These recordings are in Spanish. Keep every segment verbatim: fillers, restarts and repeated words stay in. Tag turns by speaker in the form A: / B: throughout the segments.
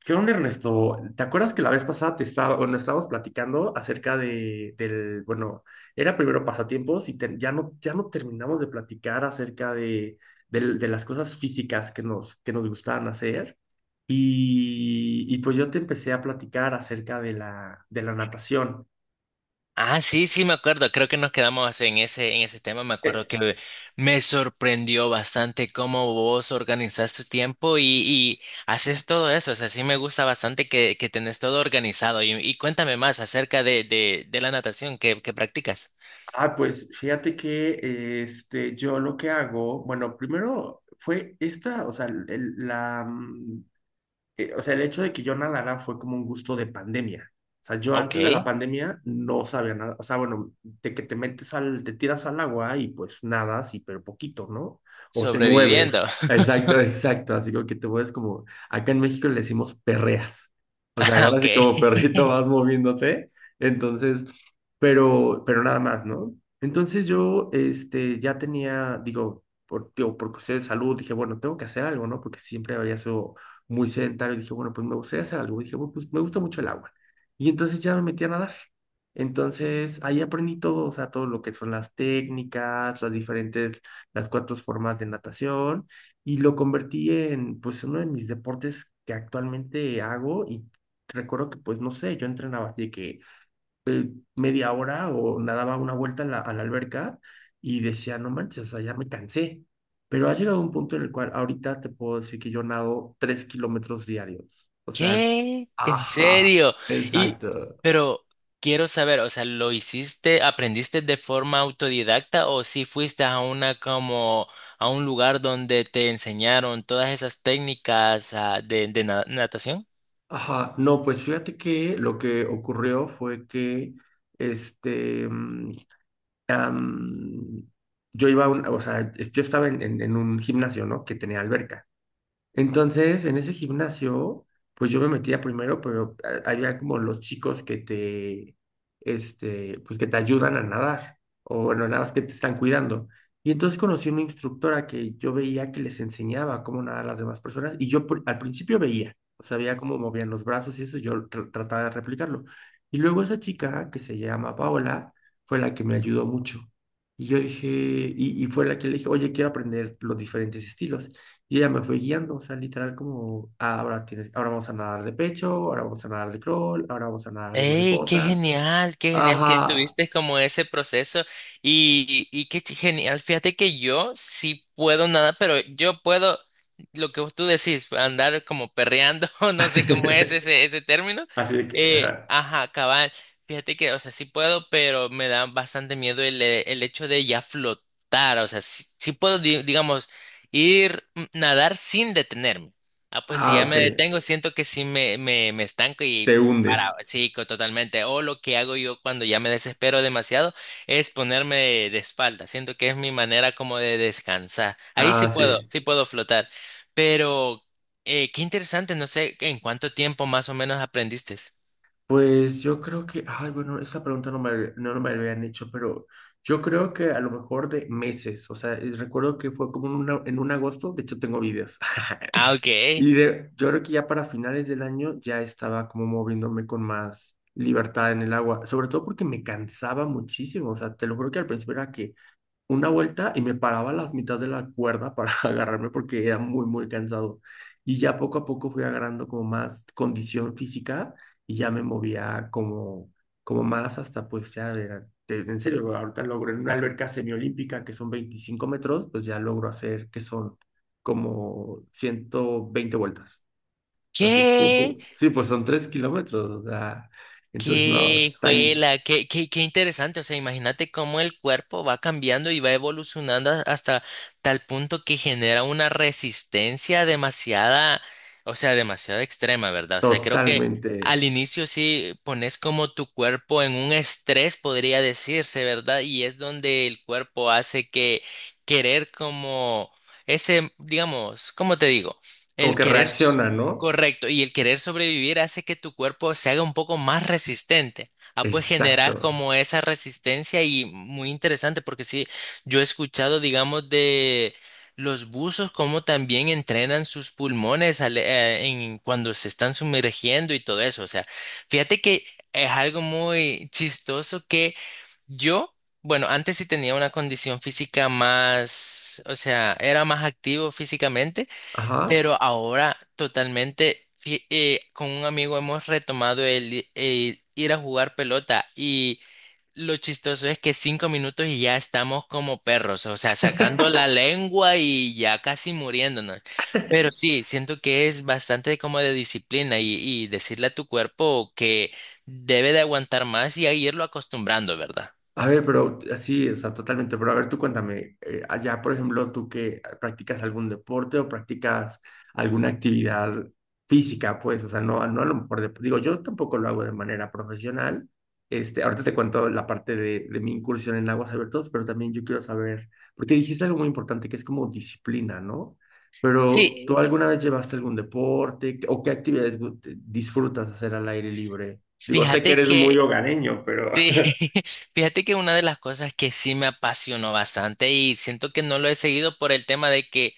A: ¿Qué onda, Ernesto? ¿Te acuerdas que la vez pasada te estaba, bueno, estábamos platicando acerca de, del, bueno, era primero pasatiempos y te- ya no, ya no terminamos de platicar acerca de, del- de las cosas físicas que nos, que nos gustaban hacer. Y, y pues yo te empecé a platicar acerca de la, de la natación.
B: Ah, sí, sí, me acuerdo. Creo que nos quedamos en ese, en ese tema. Me acuerdo
A: Eh,
B: que me sorprendió bastante cómo vos organizás tu tiempo y, y haces todo eso. O sea, sí me gusta bastante que, que tenés todo organizado. Y, y cuéntame más acerca de, de, de la natación que, que practicas.
A: ah, pues fíjate que eh, este, yo lo que hago, bueno, primero fue esta, o sea, el- el- la, mm, eh, o sea, el hecho de que yo nadara fue como un gusto de pandemia. O sea, yo antes de la
B: Ok.
A: pandemia no sabía nada. O sea, bueno, de que te metes al, te tiras al agua y pues nadas y pero poquito, ¿no? O te mueves.
B: Sobreviviendo.
A: Exacto, exacto. Así como que te mueves como, acá en México le decimos perreas. O sea, agarras
B: Ok.
A: así como perrito vas moviéndote. Entonces, pero, pero nada más, ¿no? Entonces yo, este, ya tenía, digo, por, digo, por cuestiones de salud, dije, bueno, tengo que hacer algo, ¿no? Porque siempre había sido muy sedentario, dije, bueno, pues me gustaría hacer algo. Dije, bueno, pues me gusta mucho el agua. Y entonces ya me metí a nadar. Entonces ahí aprendí todo, o sea, todo lo que son las técnicas, las diferentes, las cuatro formas de natación y lo convertí en, pues, uno de mis deportes que actualmente hago y recuerdo que, pues, no sé, yo entrenaba así de que eh, media hora o nadaba una vuelta en la, a la alberca y decía, no manches, o sea, ya me cansé. Pero ha llegado un punto en el cual ahorita te puedo decir que yo nado tres kilómetros diarios. O sea,
B: ¿Qué? ¿En
A: ajá,
B: serio? Y,
A: exacto.
B: pero quiero saber, o sea, ¿lo hiciste, aprendiste de forma autodidacta o si fuiste a una como a un lugar donde te enseñaron todas esas técnicas ah, de, de na- natación?
A: Ajá, no, pues fíjate que lo que ocurrió fue que este mm, am, yo iba a un- o sea, es- yo estaba en, en- en un gimnasio, ¿no? Que tenía alberca. Entonces, en ese gimnasio, pues yo me metía primero, pero a- había como los chicos que te, este, pues que te ayudan a nadar, o bueno, nada más que te están cuidando. Y entonces conocí una instructora que yo veía que les enseñaba cómo nadar a las demás personas, y yo pr- al principio veía, o sea, veía cómo movían los brazos y eso, yo tr- trataba de replicarlo. Y luego esa chica, que se llama Paola, fue la que me ayudó mucho. Y yo dije, y, y fue la que le dije, oye, quiero aprender los diferentes estilos. Y ella me fue guiando, o sea, literal como, "Ah, ahora tienes, ahora vamos a nadar de pecho, ahora vamos a nadar de crawl, ahora vamos a nadar de
B: ¡Ey, qué
A: mariposa."
B: genial! ¡Qué genial que
A: Ajá.
B: tuviste como ese proceso! Y, y qué ch- genial. Fíjate que yo sí puedo nada, pero yo puedo lo que tú decís, andar como perreando, o no sé cómo es ese, ese término.
A: Así de que,
B: Eh,
A: ajá.
B: ajá, cabal. Fíjate que, o sea, sí puedo, pero me da bastante miedo el, eh, el hecho de ya flotar. O sea, sí, sí puedo, di- digamos, ir mm, nadar sin detenerme. Ah, pues si
A: Ah,
B: ya
A: ok.
B: me detengo, siento que sí me, me, me estanco
A: Te
B: y para,
A: hundes.
B: sí, co- totalmente. O lo que hago yo cuando ya me desespero demasiado es ponerme de, de espalda. Siento que es mi manera como de descansar. Ahí sí
A: Ah,
B: puedo,
A: sí.
B: sí puedo flotar. Pero eh, qué interesante, no sé en cuánto tiempo más o menos aprendiste.
A: Pues yo creo que, ay, bueno, esa pregunta no me, no me la habían hecho, pero yo creo que a lo mejor de meses, o sea, es- recuerdo que fue como en una- en un agosto, de hecho tengo videos.
B: Ah, ok.
A: Y de, yo creo que ya para finales del año ya estaba como moviéndome con más libertad en el agua, sobre todo porque me cansaba muchísimo, o sea, te lo juro que al principio era que una vuelta y me paraba a la mitad de la cuerda para agarrarme porque era muy, muy cansado. Y ya poco a poco fui agarrando como más condición física y ya me movía como, como más hasta pues ya, era- te- en serio, ahorita logro en una alberca semiolímpica que son veinticinco metros, pues ya logro hacer que son como ciento veinte vueltas. Así, pum,
B: ¿Qué?
A: pum. Sí, pues son tres kilómetros, o sea, entonces no,
B: Qué
A: está in-
B: juela, qué, qué, qué interesante. O sea, imagínate cómo el cuerpo va cambiando y va evolucionando a- hasta tal punto que genera una resistencia demasiada, o sea, demasiado extrema, ¿verdad? O sea, creo que al
A: totalmente,
B: inicio sí pones como tu cuerpo en un estrés, podría decirse, ¿verdad? Y es donde el cuerpo hace que querer como ese, digamos, ¿cómo te digo?
A: como
B: El
A: que
B: querer.
A: reacciona, ¿no?
B: Correcto, y el querer sobrevivir hace que tu cuerpo se haga un poco más resistente. Ah, pues
A: Exacto.
B: generas como esa resistencia y muy interesante porque sí, yo he escuchado, digamos, de los buzos cómo también entrenan sus pulmones al- eh, en, cuando se están sumergiendo y todo eso. O sea, fíjate que es algo muy chistoso que yo, bueno, antes sí tenía una condición física más, o sea, era más activo físicamente.
A: Ajá.
B: Pero ahora totalmente, fí- eh, con un amigo hemos retomado el, i- el ir a jugar pelota y lo chistoso es que cinco minutos y ya estamos como perros, o sea, sacando la lengua y ya casi muriéndonos. Pero sí, siento que es bastante como de disciplina y, y decirle a tu cuerpo que debe de aguantar más y a irlo acostumbrando, ¿verdad?
A: A ver, pero así, o sea, totalmente. Pero a ver, tú cuéntame, eh, allá, por ejemplo, tú que practicas algún deporte o practicas alguna actividad física, pues, o sea, no, no a lo mejor, de- digo, yo tampoco lo hago de manera profesional. Este, ahorita te cuento la parte de, de mi incursión en aguas abiertas, pero también yo quiero saber, porque dijiste algo muy importante que es como disciplina, ¿no? Pero ¿tú
B: Sí,
A: alguna vez llevaste algún deporte o qué actividades gu- te- disfrutas hacer al aire libre? Digo, sé que
B: fíjate
A: eres muy
B: que
A: hogareño, pero...
B: sí, fíjate que una de las cosas que sí me apasionó bastante y siento que no lo he seguido por el tema de que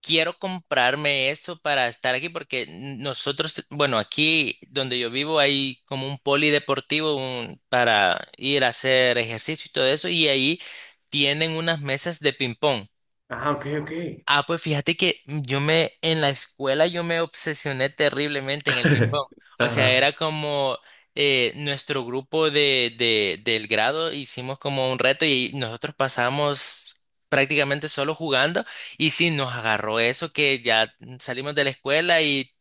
B: quiero comprarme eso para estar aquí porque nosotros, bueno, aquí donde yo vivo hay como un polideportivo un- para ir a hacer ejercicio y todo eso y ahí tienen unas mesas de ping pong.
A: Ah, ok, ok.
B: Ah, pues fíjate que yo me, en la escuela yo me obsesioné terriblemente en el ping pong. O sea,
A: Ajá,
B: era como eh, nuestro grupo de, de, del grado hicimos como un reto y nosotros pasamos prácticamente solo jugando. Y sí, nos agarró eso que ya salimos de la escuela y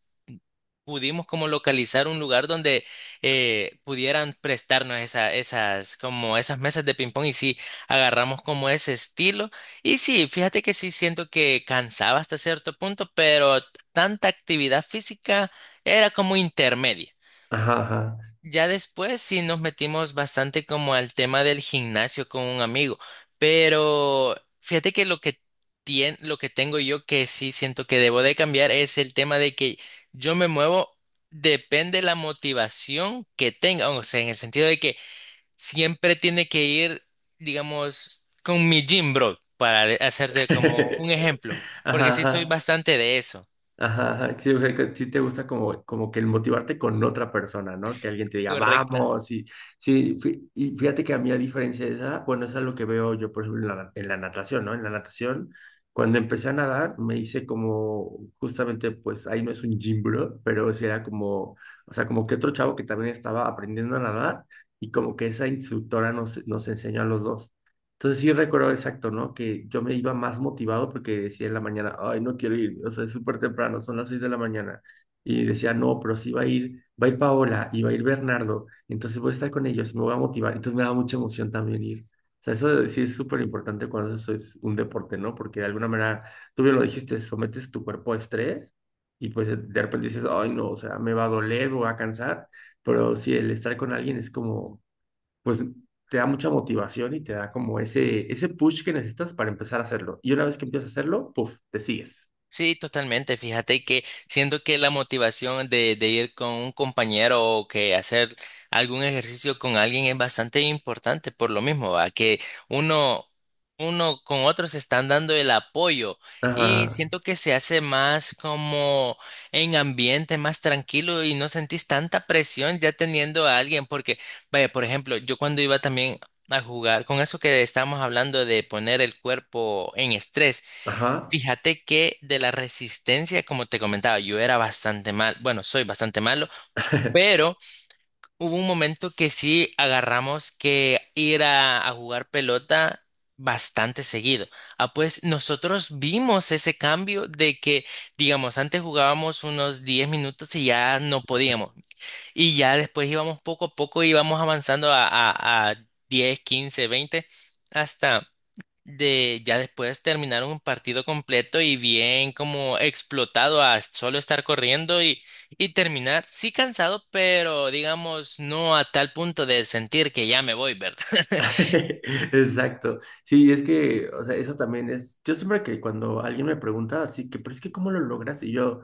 B: pudimos como localizar un lugar donde eh, pudieran prestarnos esa, esas, como esas mesas de ping pong y sí, agarramos como ese estilo y sí, fíjate que sí siento que cansaba hasta cierto punto, pero t- tanta actividad física era como intermedia.
A: ajá, ajá.
B: Ya después sí nos metimos bastante como al tema del gimnasio con un amigo, pero fíjate que lo que tien- lo que tengo yo que sí siento que debo de cambiar es el tema de que yo me muevo depende de la motivación que tenga, o sea, en el sentido de que siempre tiene que ir, digamos, con mi gym bro, para de- hacerte como un ejemplo, porque
A: Ajá,
B: sí soy
A: ajá,
B: bastante de eso.
A: ajá, ajá. Sí, o sea, que sí te gusta como, como que el motivarte con otra persona, ¿no? Que alguien te diga,
B: Correcto.
A: vamos, y sí, fí- y fíjate que a mí a diferencia de esa, bueno, eso es lo que veo yo, por ejemplo, en la, en la natación, ¿no? En la natación, cuando empecé a nadar, me hice como, justamente, pues ahí no es un gym bro, pero sí era como, o sea, como que otro chavo que también estaba aprendiendo a nadar y como que esa instructora nos, nos enseñó a los dos. Entonces sí recuerdo exacto, ¿no? Que yo me iba más motivado porque decía en la mañana, ay, no quiero ir, o sea, es súper temprano, son las seis de la mañana. Y decía, no, pero sí va a ir, va a ir Paola y va a ir Bernardo, entonces voy a estar con ellos, me voy a motivar. Entonces me da mucha emoción también ir. O sea, eso de- sí es súper importante cuando eso es un deporte, ¿no? Porque de alguna manera, tú bien lo dijiste, sometes tu cuerpo a estrés y pues de de repente dices, ay, no, o sea, me va a doler, me va a cansar, pero sí, el estar con alguien es como pues te da mucha motivación y te da como ese, ese push que necesitas para empezar a hacerlo. Y una vez que empiezas a hacerlo, puff, te sigues.
B: Sí, totalmente. Fíjate que siento que la motivación de, de ir con un compañero o que hacer algún ejercicio con alguien es bastante importante por lo mismo, ¿va? Que uno, uno con otro se están dando el apoyo y
A: Ajá,
B: siento que se hace más como en ambiente más tranquilo y no sentís tanta presión ya teniendo a alguien porque, vaya, por ejemplo, yo cuando iba también a jugar con eso que estábamos hablando de poner el cuerpo en estrés.
A: ajá.
B: Fíjate que de la resistencia, como te comentaba, yo era bastante mal, bueno, soy bastante malo, pero hubo un momento que sí agarramos que ir a, a jugar pelota bastante seguido. Ah, pues nosotros vimos ese cambio de que, digamos, antes jugábamos unos diez minutos y ya no podíamos. Y ya después íbamos poco a poco, íbamos avanzando a, a, a diez, quince, veinte, hasta de ya después terminar un partido completo y bien como explotado a solo estar corriendo y, y terminar, sí cansado, pero digamos no a tal punto de sentir que ya me voy, ¿verdad?
A: Exacto. Sí, es que, o sea, eso también es. Yo siempre que cuando alguien me pregunta así que, pero es que ¿cómo lo logras? Y yo,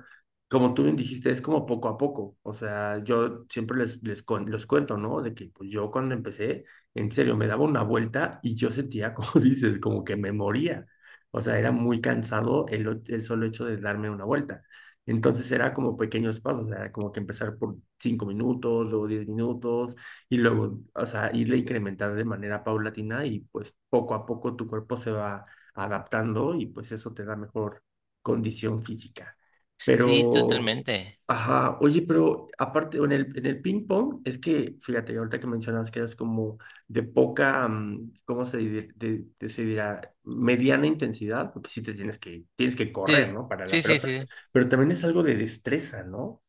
A: como tú bien dijiste, es como poco a poco. O sea, yo siempre les, les cuen- los cuento, ¿no? De que pues yo cuando empecé, en serio, me daba una vuelta y yo sentía, como dices, como que me moría. O sea, era muy cansado el, o- el solo hecho de darme una vuelta. Entonces era como pequeños pasos, era como que empezar por cinco minutos, luego diez minutos y luego, o sea, irle incrementando de manera paulatina y pues poco a poco tu cuerpo se va adaptando y pues eso te da mejor condición física.
B: Sí,
A: Pero,
B: totalmente.
A: ajá, oye, pero aparte, en el, en el ping pong, es que, fíjate, ahorita que mencionas que es como de poca, mm, ¿cómo se, dir- de- de- se dirá? Mediana intensidad, porque sí te tienes que, tienes que correr,
B: Sí,
A: ¿no? Para la
B: sí, sí,
A: pelota,
B: sí.
A: pero también es algo de destreza, ¿no?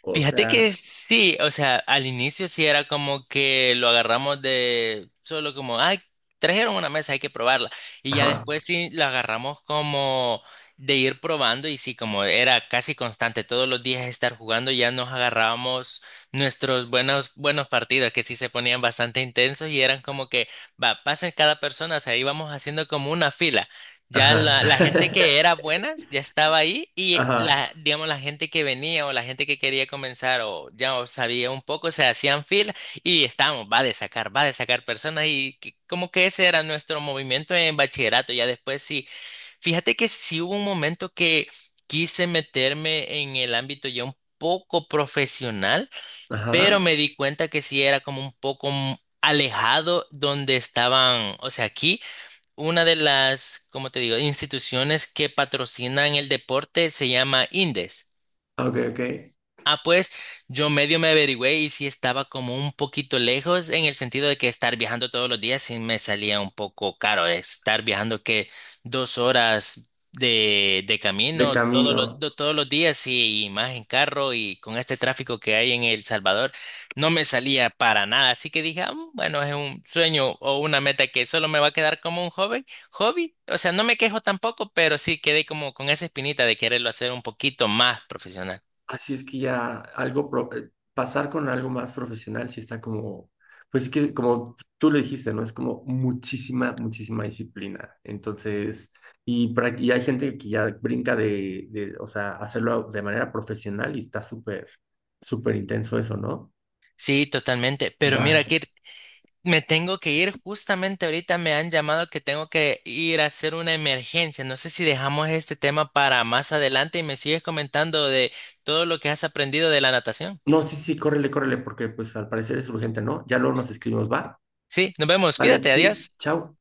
A: O
B: Fíjate
A: sea,
B: que sí, o sea, al inicio sí era como que lo agarramos de solo como, ay, trajeron una mesa, hay que probarla. Y ya
A: ajá,
B: después sí lo agarramos como de ir probando y sí, como era casi constante todos los días estar jugando, ya nos agarrábamos nuestros buenos, buenos partidos que sí se ponían bastante intensos y eran como que, va, pasen cada persona, o sea, íbamos haciendo como una fila. Ya
A: ajá.
B: la, la gente que era buena ya estaba ahí y
A: Ajá.
B: la, digamos, la gente que venía o la gente que quería comenzar o ya o sabía un poco, se hacían fila y estábamos, va a sacar, va a sacar personas y que- como que ese era nuestro movimiento en bachillerato. Ya después sí, fíjate que sí hubo un momento que quise meterme en el ámbito ya un poco profesional, pero
A: Ajá.
B: me di cuenta que sí era como un poco mm, alejado donde estaban, o sea, aquí. Una de las, como te digo?, instituciones que patrocinan el deporte se llama Indes.
A: Ah, ok, ok.
B: Ah, pues yo medio me averigüé y sí estaba como un poquito lejos en el sentido de que estar viajando todos los días sí me salía un poco caro. Estar viajando que dos horas de, de
A: De
B: camino todos los,
A: camino.
B: do- todos los días y, y más en carro y con este tráfico que hay en El Salvador no me salía para nada. Así que dije, "Ah, mm, bueno, es un sueño o una meta que solo me va a quedar como un hobby, hobby. O sea, no me quejo tampoco, pero sí quedé como con esa espinita de quererlo hacer un poquito más profesional".
A: Así es que ya algo, pro- eh, pasar con algo más profesional sí está como, pues es que como tú le dijiste, ¿no? Es como muchísima, muchísima disciplina. Entonces, y, prac- y hay gente que ya brinca de, de, o sea, hacerlo de manera profesional y está súper, súper intenso eso, ¿no?
B: Sí, totalmente. Pero
A: Va.
B: mira, Kir, me tengo que ir. Justamente ahorita me han llamado que tengo que ir a hacer una emergencia. No sé si dejamos este tema para más adelante y me sigues comentando de todo lo que has aprendido de la natación.
A: No, sí, sí, córrele, córrele, porque pues al parecer es urgente, ¿no? Ya luego nos escribimos, va.
B: Sí, nos vemos.
A: Vale,
B: Cuídate,
A: sí,
B: adiós.
A: chao.